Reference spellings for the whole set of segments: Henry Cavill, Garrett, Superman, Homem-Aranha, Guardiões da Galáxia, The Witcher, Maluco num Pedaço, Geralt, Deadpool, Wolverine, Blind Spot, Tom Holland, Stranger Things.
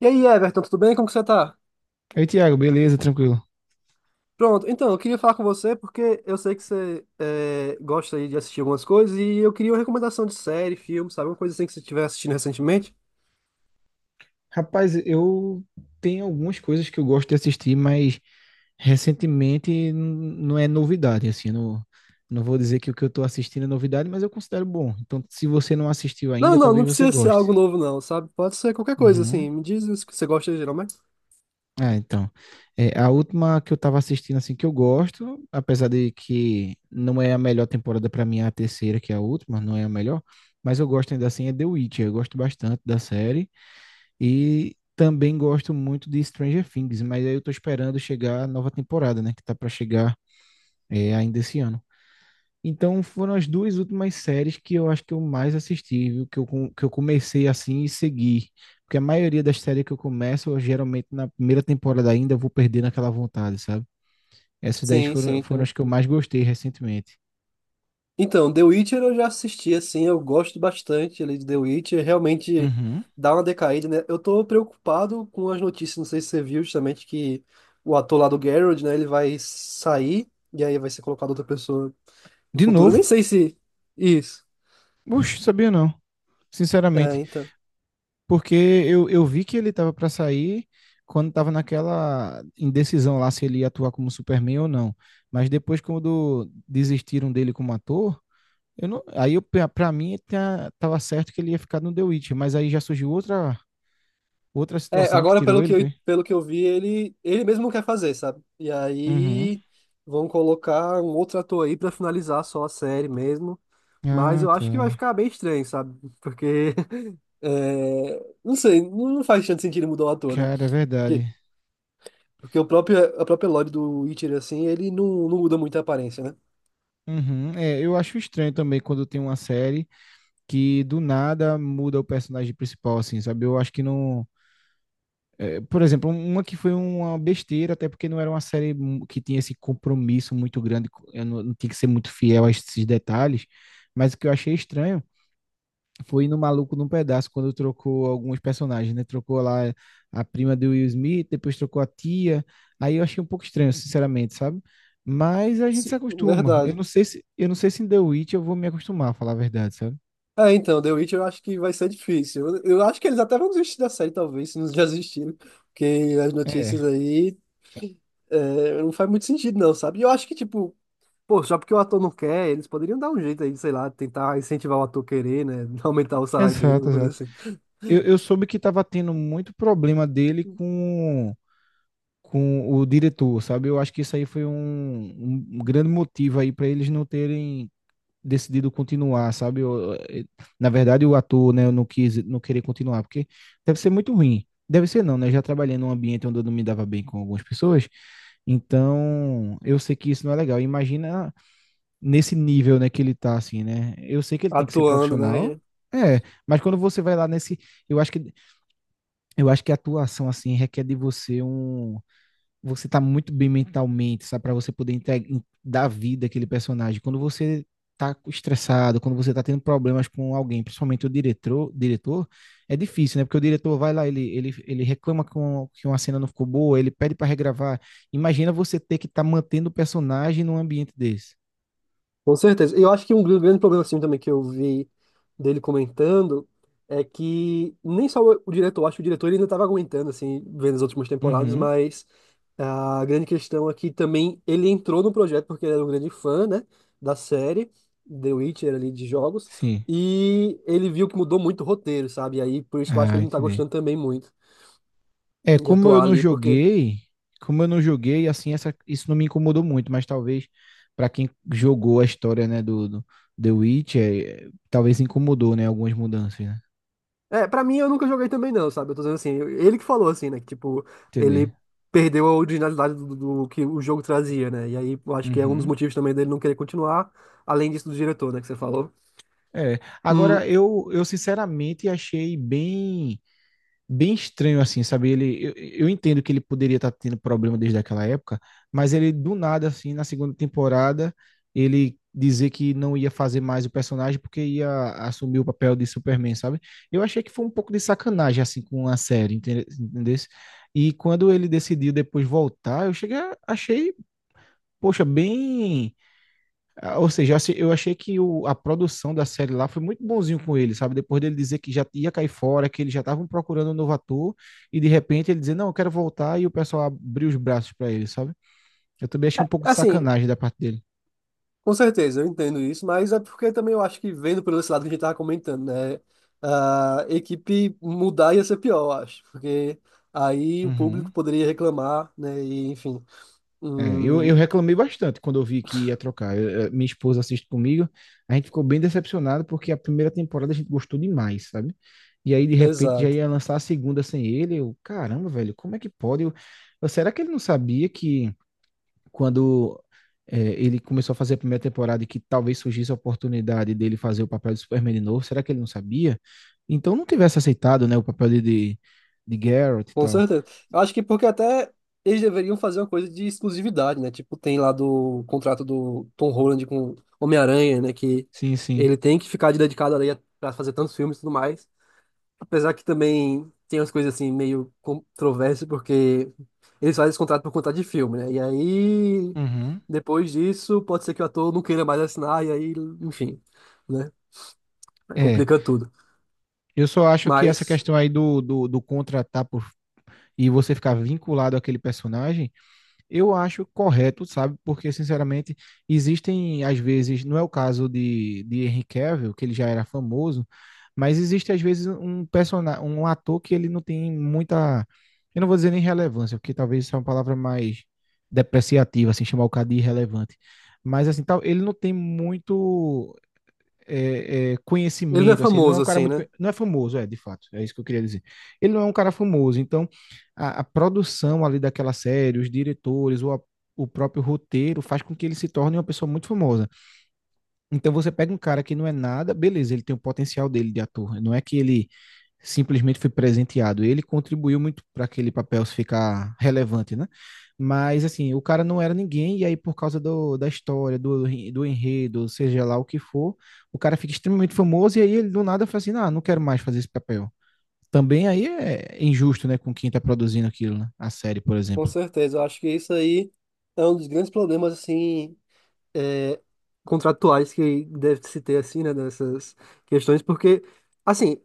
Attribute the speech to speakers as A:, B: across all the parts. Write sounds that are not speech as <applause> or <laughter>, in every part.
A: E aí, Everton, tudo bem? Como que você tá?
B: Aí, Thiago, beleza, tranquilo.
A: Pronto, então, eu queria falar com você porque eu sei que gosta aí de assistir algumas coisas e eu queria uma recomendação de série, filme, sabe? Uma coisa assim que você estiver assistindo recentemente.
B: Rapaz, eu tenho algumas coisas que eu gosto de assistir, mas recentemente não é novidade, assim, não, não vou dizer que o que eu tô assistindo é novidade, mas eu considero bom. Então, se você não assistiu
A: Não,
B: ainda,
A: não, não
B: talvez você
A: precisa ser algo
B: goste.
A: novo não, sabe? Pode ser qualquer coisa
B: Uhum.
A: assim. Me diz o que você gosta geralmente.
B: Ah, então. É, a última que eu tava assistindo, assim, que eu gosto, apesar de que não é a melhor temporada pra mim, é a terceira, que é a última, não é a melhor, mas eu gosto ainda assim, é The Witcher. Eu gosto bastante da série. E também gosto muito de Stranger Things, mas aí eu tô esperando chegar a nova temporada, né? Que tá pra chegar ainda esse ano. Então foram as duas últimas séries que eu acho que eu mais assisti, viu? Que eu comecei assim e segui. Porque a maioria das séries que eu começo, eu, geralmente na primeira temporada ainda vou perdendo aquela vontade, sabe? Essas 10
A: Sim, sim.
B: foram as que eu mais gostei recentemente.
A: Então, The Witcher eu já assisti, assim, eu gosto bastante ali de The Witcher, realmente
B: Uhum.
A: dá uma decaída, né? Eu tô preocupado com as notícias, não sei se você viu justamente que o ator lá do Geralt, né, ele vai sair e aí vai ser colocado outra pessoa no
B: De
A: futuro. Eu nem
B: novo?
A: sei se... Isso.
B: Puxa, sabia não.
A: É,
B: Sinceramente.
A: então.
B: Porque eu vi que ele tava pra sair quando tava naquela indecisão lá se ele ia atuar como Superman ou não. Mas depois, quando desistiram dele como ator, eu não, aí eu, pra pra mim tava certo que ele ia ficar no The Witch, mas aí já surgiu outra, outra
A: É,
B: situação que
A: agora
B: tirou ele, foi?
A: pelo que eu vi, ele mesmo quer fazer, sabe? E
B: Uhum.
A: aí vão colocar um outro ator aí pra finalizar só a série mesmo, mas
B: Ah,
A: eu acho que vai
B: tá.
A: ficar bem estranho, sabe? Porque... É, não sei, não faz tanto sentido mudar o ator, né?
B: Cara, é
A: Porque,
B: verdade.
A: porque a própria Lore do Witcher, assim, ele não, não muda muito a aparência, né?
B: Uhum. É, eu acho estranho também quando tem uma série que do nada muda o personagem principal, assim, sabe? Eu acho que não. Por exemplo, uma que foi uma besteira, até porque não era uma série que tinha esse compromisso muito grande, eu não, não tinha que ser muito fiel a esses detalhes, mas o que eu achei estranho foi no Maluco num Pedaço, quando trocou alguns personagens, né? Trocou lá a prima do Will Smith, depois trocou a tia, aí eu achei um pouco estranho, sinceramente, sabe? Mas a gente se acostuma.
A: Verdade.
B: Eu não sei se em The Witch eu vou me acostumar, a falar a verdade, sabe?
A: É, então, The Witcher eu acho que vai ser difícil. Eu acho que eles até vão desistir da série, talvez, se não <laughs> já desistiram. Porque as
B: É,
A: notícias aí não faz muito sentido, não, sabe? E eu acho que, tipo, pô, só porque o ator não quer, eles poderiam dar um jeito aí, sei lá, tentar incentivar o ator a querer, né? <laughs> Aumentar o salário dele,
B: exato,
A: alguma coisa
B: exato.
A: assim.
B: Eu soube que tava tendo muito problema dele com o diretor, sabe? Eu acho que isso aí foi um grande motivo aí para eles não terem decidido continuar, sabe? Na verdade, o ator, né, eu não quis, não querer continuar, porque deve ser muito ruim. Deve ser não, né? Eu já trabalhei num ambiente onde eu não me dava bem com algumas pessoas, então eu sei que isso não é legal. Imagina nesse nível, né, que ele tá assim, né? Eu sei que ele tem que ser
A: Atuando,
B: profissional,
A: né?
B: é, mas quando você vai lá nesse, eu acho que eu acho que a atuação assim requer de você um você tá muito bem mentalmente, sabe? Pra você poder entregar, dar vida àquele personagem. Quando você tá estressado, quando você tá tendo problemas com alguém, principalmente o diretor, diretor, é difícil, né? Porque o diretor vai lá, ele reclama com, que uma cena não ficou boa, ele pede pra regravar. Imagina você ter que estar tá mantendo o personagem num ambiente desse.
A: Com certeza. E eu acho que um grande problema assim também que eu vi dele comentando é que nem só o diretor, acho que o diretor ele ainda estava aguentando assim, vendo as últimas temporadas,
B: Uhum,
A: mas a grande questão é que também ele entrou no projeto porque ele era um grande fã, né, da série The Witcher ali de jogos,
B: sim.
A: e ele viu que mudou muito o roteiro, sabe? E aí por isso que eu acho que
B: Ah,
A: ele não tá
B: entendi.
A: gostando também muito
B: É,
A: de
B: como eu
A: atuar
B: não
A: ali, porque
B: joguei, como eu não joguei, assim, essa, isso não me incomodou muito, mas talvez para quem jogou a história, né, do The Witcher, talvez incomodou, né, algumas mudanças, né?
A: é, pra mim eu nunca joguei também não, sabe? Eu tô dizendo assim, ele que falou assim, né? Que, tipo,
B: Entender.
A: ele perdeu a originalidade do, do que o jogo trazia, né? E aí eu acho que é um dos
B: Uhum.
A: motivos também dele não querer continuar, além disso do diretor, né? Que você falou.
B: É,
A: Hum,
B: agora eu sinceramente achei bem bem estranho assim, sabe? Ele, eu entendo que ele poderia estar tendo problema desde aquela época, mas ele do nada assim, na segunda temporada, ele dizer que não ia fazer mais o personagem porque ia assumir o papel de Superman, sabe? Eu achei que foi um pouco de sacanagem assim com a série, entendesse? E quando ele decidiu depois voltar, achei, poxa, ou seja, assim, eu achei que a produção da série lá foi muito bonzinho com ele, sabe? Depois dele dizer que já ia cair fora, que eles já estavam procurando um novo ator, e de repente ele dizer, não, eu quero voltar, e o pessoal abriu os braços para ele, sabe? Eu também achei um pouco de
A: assim,
B: sacanagem da parte dele.
A: com certeza, eu entendo isso, mas é porque também eu acho que vendo pelo esse lado que a gente tava comentando, né? A equipe mudar ia ser pior, eu acho, porque aí o público
B: Uhum.
A: poderia reclamar, né? E enfim.
B: É, eu
A: Hum,
B: reclamei bastante quando eu vi que ia trocar. Minha esposa assiste comigo, a gente ficou bem decepcionado porque a primeira temporada a gente gostou demais, sabe? E aí, de repente, já
A: exato.
B: ia lançar a segunda sem ele. Eu, caramba, velho, como é que pode? Será que ele não sabia que quando é, ele começou a fazer a primeira temporada e que talvez surgisse a oportunidade dele fazer o papel de Superman de novo, será que ele não sabia? Então não tivesse aceitado, né, o papel de Garrett e
A: Com
B: tal.
A: certeza. Eu acho que porque até eles deveriam fazer uma coisa de exclusividade, né? Tipo, tem lá do contrato do Tom Holland com Homem-Aranha, né? Que
B: Sim, sim.
A: ele tem que ficar dedicado ali pra fazer tantos filmes e tudo mais. Apesar que também tem umas coisas assim meio controversas, porque eles fazem esse contrato por conta de filme, né? E aí,
B: Uhum.
A: depois disso, pode ser que o ator não queira mais assinar, e aí, enfim, né? Aí
B: É,
A: complica tudo.
B: eu só acho que essa
A: Mas
B: questão aí do contratar por, e você ficar vinculado àquele personagem eu acho correto, sabe? Porque, sinceramente, existem, às vezes, não é o caso de Henry Cavill, que ele já era famoso, mas existe, às vezes, um personagem, um ator que ele não tem muita, eu não vou dizer nem relevância, porque talvez isso é uma palavra mais depreciativa, assim, chamar o cara de irrelevante. Mas, assim, tal, ele não tem muito,
A: ele não é
B: conhecimento, assim, ele não é
A: famoso
B: um cara
A: assim,
B: muito,
A: né?
B: não é famoso, é, de fato, é isso que eu queria dizer. Ele não é um cara famoso, então a produção ali daquela série, os diretores, o próprio roteiro faz com que ele se torne uma pessoa muito famosa. Então você pega um cara que não é nada, beleza, ele tem o potencial dele de ator, não é que ele simplesmente foi presenteado. Ele contribuiu muito para aquele papel ficar relevante, né? Mas, assim, o cara não era ninguém, e aí, por causa da história, do enredo, seja lá o que for, o cara fica extremamente famoso, e aí ele do nada fala assim: ah, não quero mais fazer esse papel. Também aí é injusto, né, com quem tá produzindo aquilo, né? A série, por
A: Com
B: exemplo.
A: certeza, eu acho que isso aí é um dos grandes problemas, assim, é, contratuais que deve se ter, assim, né, nessas questões, porque, assim,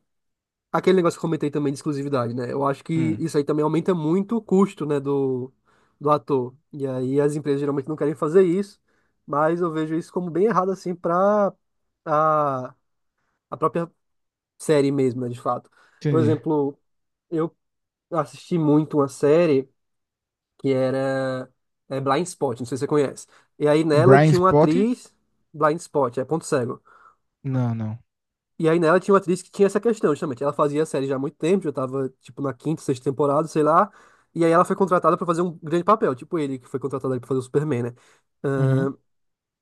A: aquele negócio que eu comentei também de exclusividade, né, eu acho que
B: Hum,
A: isso aí também aumenta muito o custo, né, do ator, e aí as empresas geralmente não querem fazer isso, mas eu vejo isso como bem errado, assim, para a, a própria série mesmo, né, de fato. Por
B: entendi.
A: exemplo, eu assisti muito uma série que era é, Blind Spot, não sei se você conhece. E aí nela
B: Brian
A: tinha uma
B: Spott?
A: atriz, Blind Spot, é ponto cego.
B: Não, não.
A: E aí nela tinha uma atriz que tinha essa questão, justamente. Ela fazia a série já há muito tempo, já tava, tipo, na quinta, sexta temporada, sei lá. E aí ela foi contratada pra fazer um grande papel, tipo ele que foi contratado ali pra fazer o Superman, né?
B: Uhum,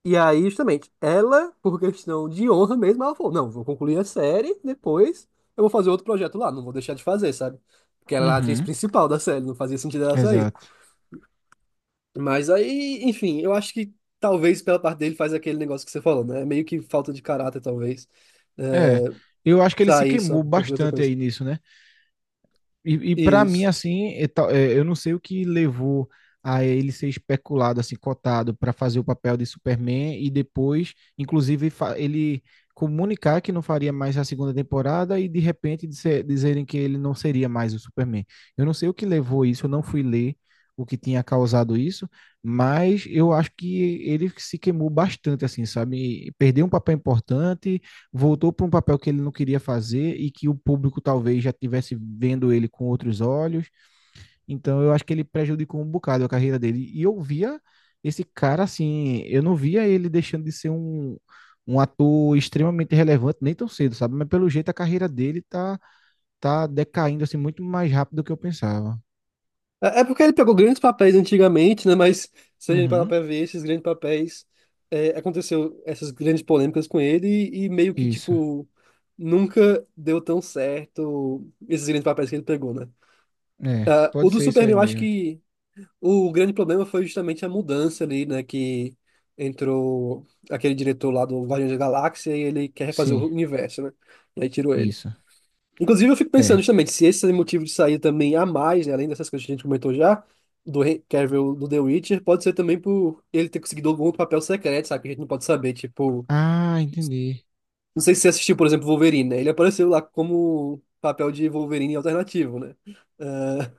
A: E aí, justamente, ela, por questão de honra mesmo, ela falou, não, vou concluir a série, depois eu vou fazer outro projeto lá, não vou deixar de fazer, sabe? Porque ela era a atriz
B: uhum,
A: principal da série, não fazia sentido ela sair.
B: exato.
A: Mas aí, enfim, eu acho que talvez pela parte dele faz aquele negócio que você falou, né? Meio que falta de caráter, talvez. Né?
B: É, eu acho que ele se
A: Sair só
B: queimou
A: por conta de outra
B: bastante
A: coisa.
B: aí nisso, né? E para mim,
A: Isso.
B: assim, é, eu não sei o que levou a ele ser especulado, assim, cotado para fazer o papel de Superman e depois, inclusive, ele comunicar que não faria mais a segunda temporada e de repente dizerem que ele não seria mais o Superman. Eu não sei o que levou isso, eu não fui ler o que tinha causado isso, mas eu acho que ele se queimou bastante, assim, sabe? E perdeu um papel importante, voltou para um papel que ele não queria fazer e que o público talvez já estivesse vendo ele com outros olhos. Então eu acho que ele prejudicou um bocado a carreira dele. E eu via esse cara assim, eu não via ele deixando de ser um, um ator extremamente relevante nem tão cedo, sabe? Mas pelo jeito a carreira dele tá decaindo assim muito mais rápido do que eu pensava.
A: É, é porque ele pegou grandes papéis antigamente, né? Mas se a gente parar
B: Uhum.
A: pra ver, esses grandes papéis, é, aconteceu essas grandes polêmicas com ele e meio que,
B: Isso.
A: tipo, nunca deu tão certo esses grandes papéis que ele pegou, né?
B: É,
A: Ah, o
B: pode
A: do
B: ser isso
A: Superman,
B: aí
A: eu acho
B: mesmo.
A: que o grande problema foi justamente a mudança ali, né? Que entrou aquele diretor lá do Guardiões da Galáxia e ele quer refazer
B: Sim,
A: o universo, né? E aí tirou ele.
B: isso.
A: Inclusive, eu fico pensando
B: É.
A: justamente se esse é motivo de sair também a mais, né, além dessas coisas que a gente comentou já, do Henry Cavill do The Witcher, pode ser também por ele ter conseguido algum outro papel secreto, sabe? Que a gente não pode saber. Tipo,
B: Ah, entendi.
A: não sei se você assistiu, por exemplo, Wolverine, né? Ele apareceu lá como papel de Wolverine alternativo, né? Ah,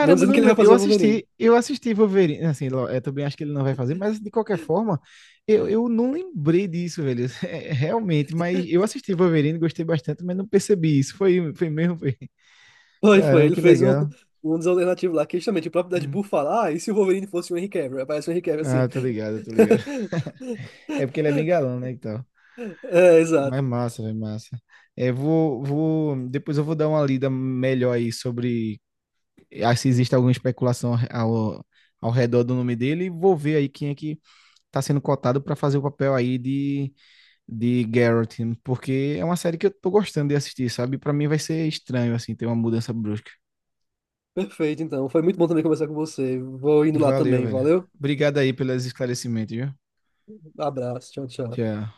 A: não
B: eu
A: dizendo que
B: não
A: ele vai
B: lembro. Eu
A: fazer o Wolverine.
B: assisti, eu assisti Wolverine, assim, é, também acho que ele não vai fazer, mas de qualquer forma, eu não lembrei disso, velho. <laughs> É, realmente, mas eu assisti Wolverine, gostei bastante, mas não percebi isso. Foi mesmo, foi. <laughs>
A: Foi, foi.
B: Caramba,
A: Ele
B: que
A: fez um,
B: legal.
A: um dos alternativos lá, que justamente o próprio
B: Hum.
A: Deadpool fala, ah, e se o Wolverine fosse o Henry Cavill? Aparece o Henry Cavill assim.
B: Ah, tô ligado, tô ligado. É porque ele é bem
A: <laughs>
B: galão, né, e tal.
A: É,
B: Mas
A: exato.
B: é massa, velho, massa. É, vou, depois eu vou dar uma lida melhor aí sobre se existe alguma especulação ao redor do nome dele e vou ver aí quem é que tá sendo cotado para fazer o papel aí de Garrett, porque é uma série que eu tô gostando de assistir, sabe? Para mim vai ser estranho, assim, ter uma mudança brusca.
A: Perfeito, então. Foi muito bom também conversar com você. Vou indo lá
B: Valeu,
A: também.
B: velho.
A: Valeu?
B: Obrigado aí pelos esclarecimentos, viu?
A: Abraço. Tchau, tchau.
B: Tchau.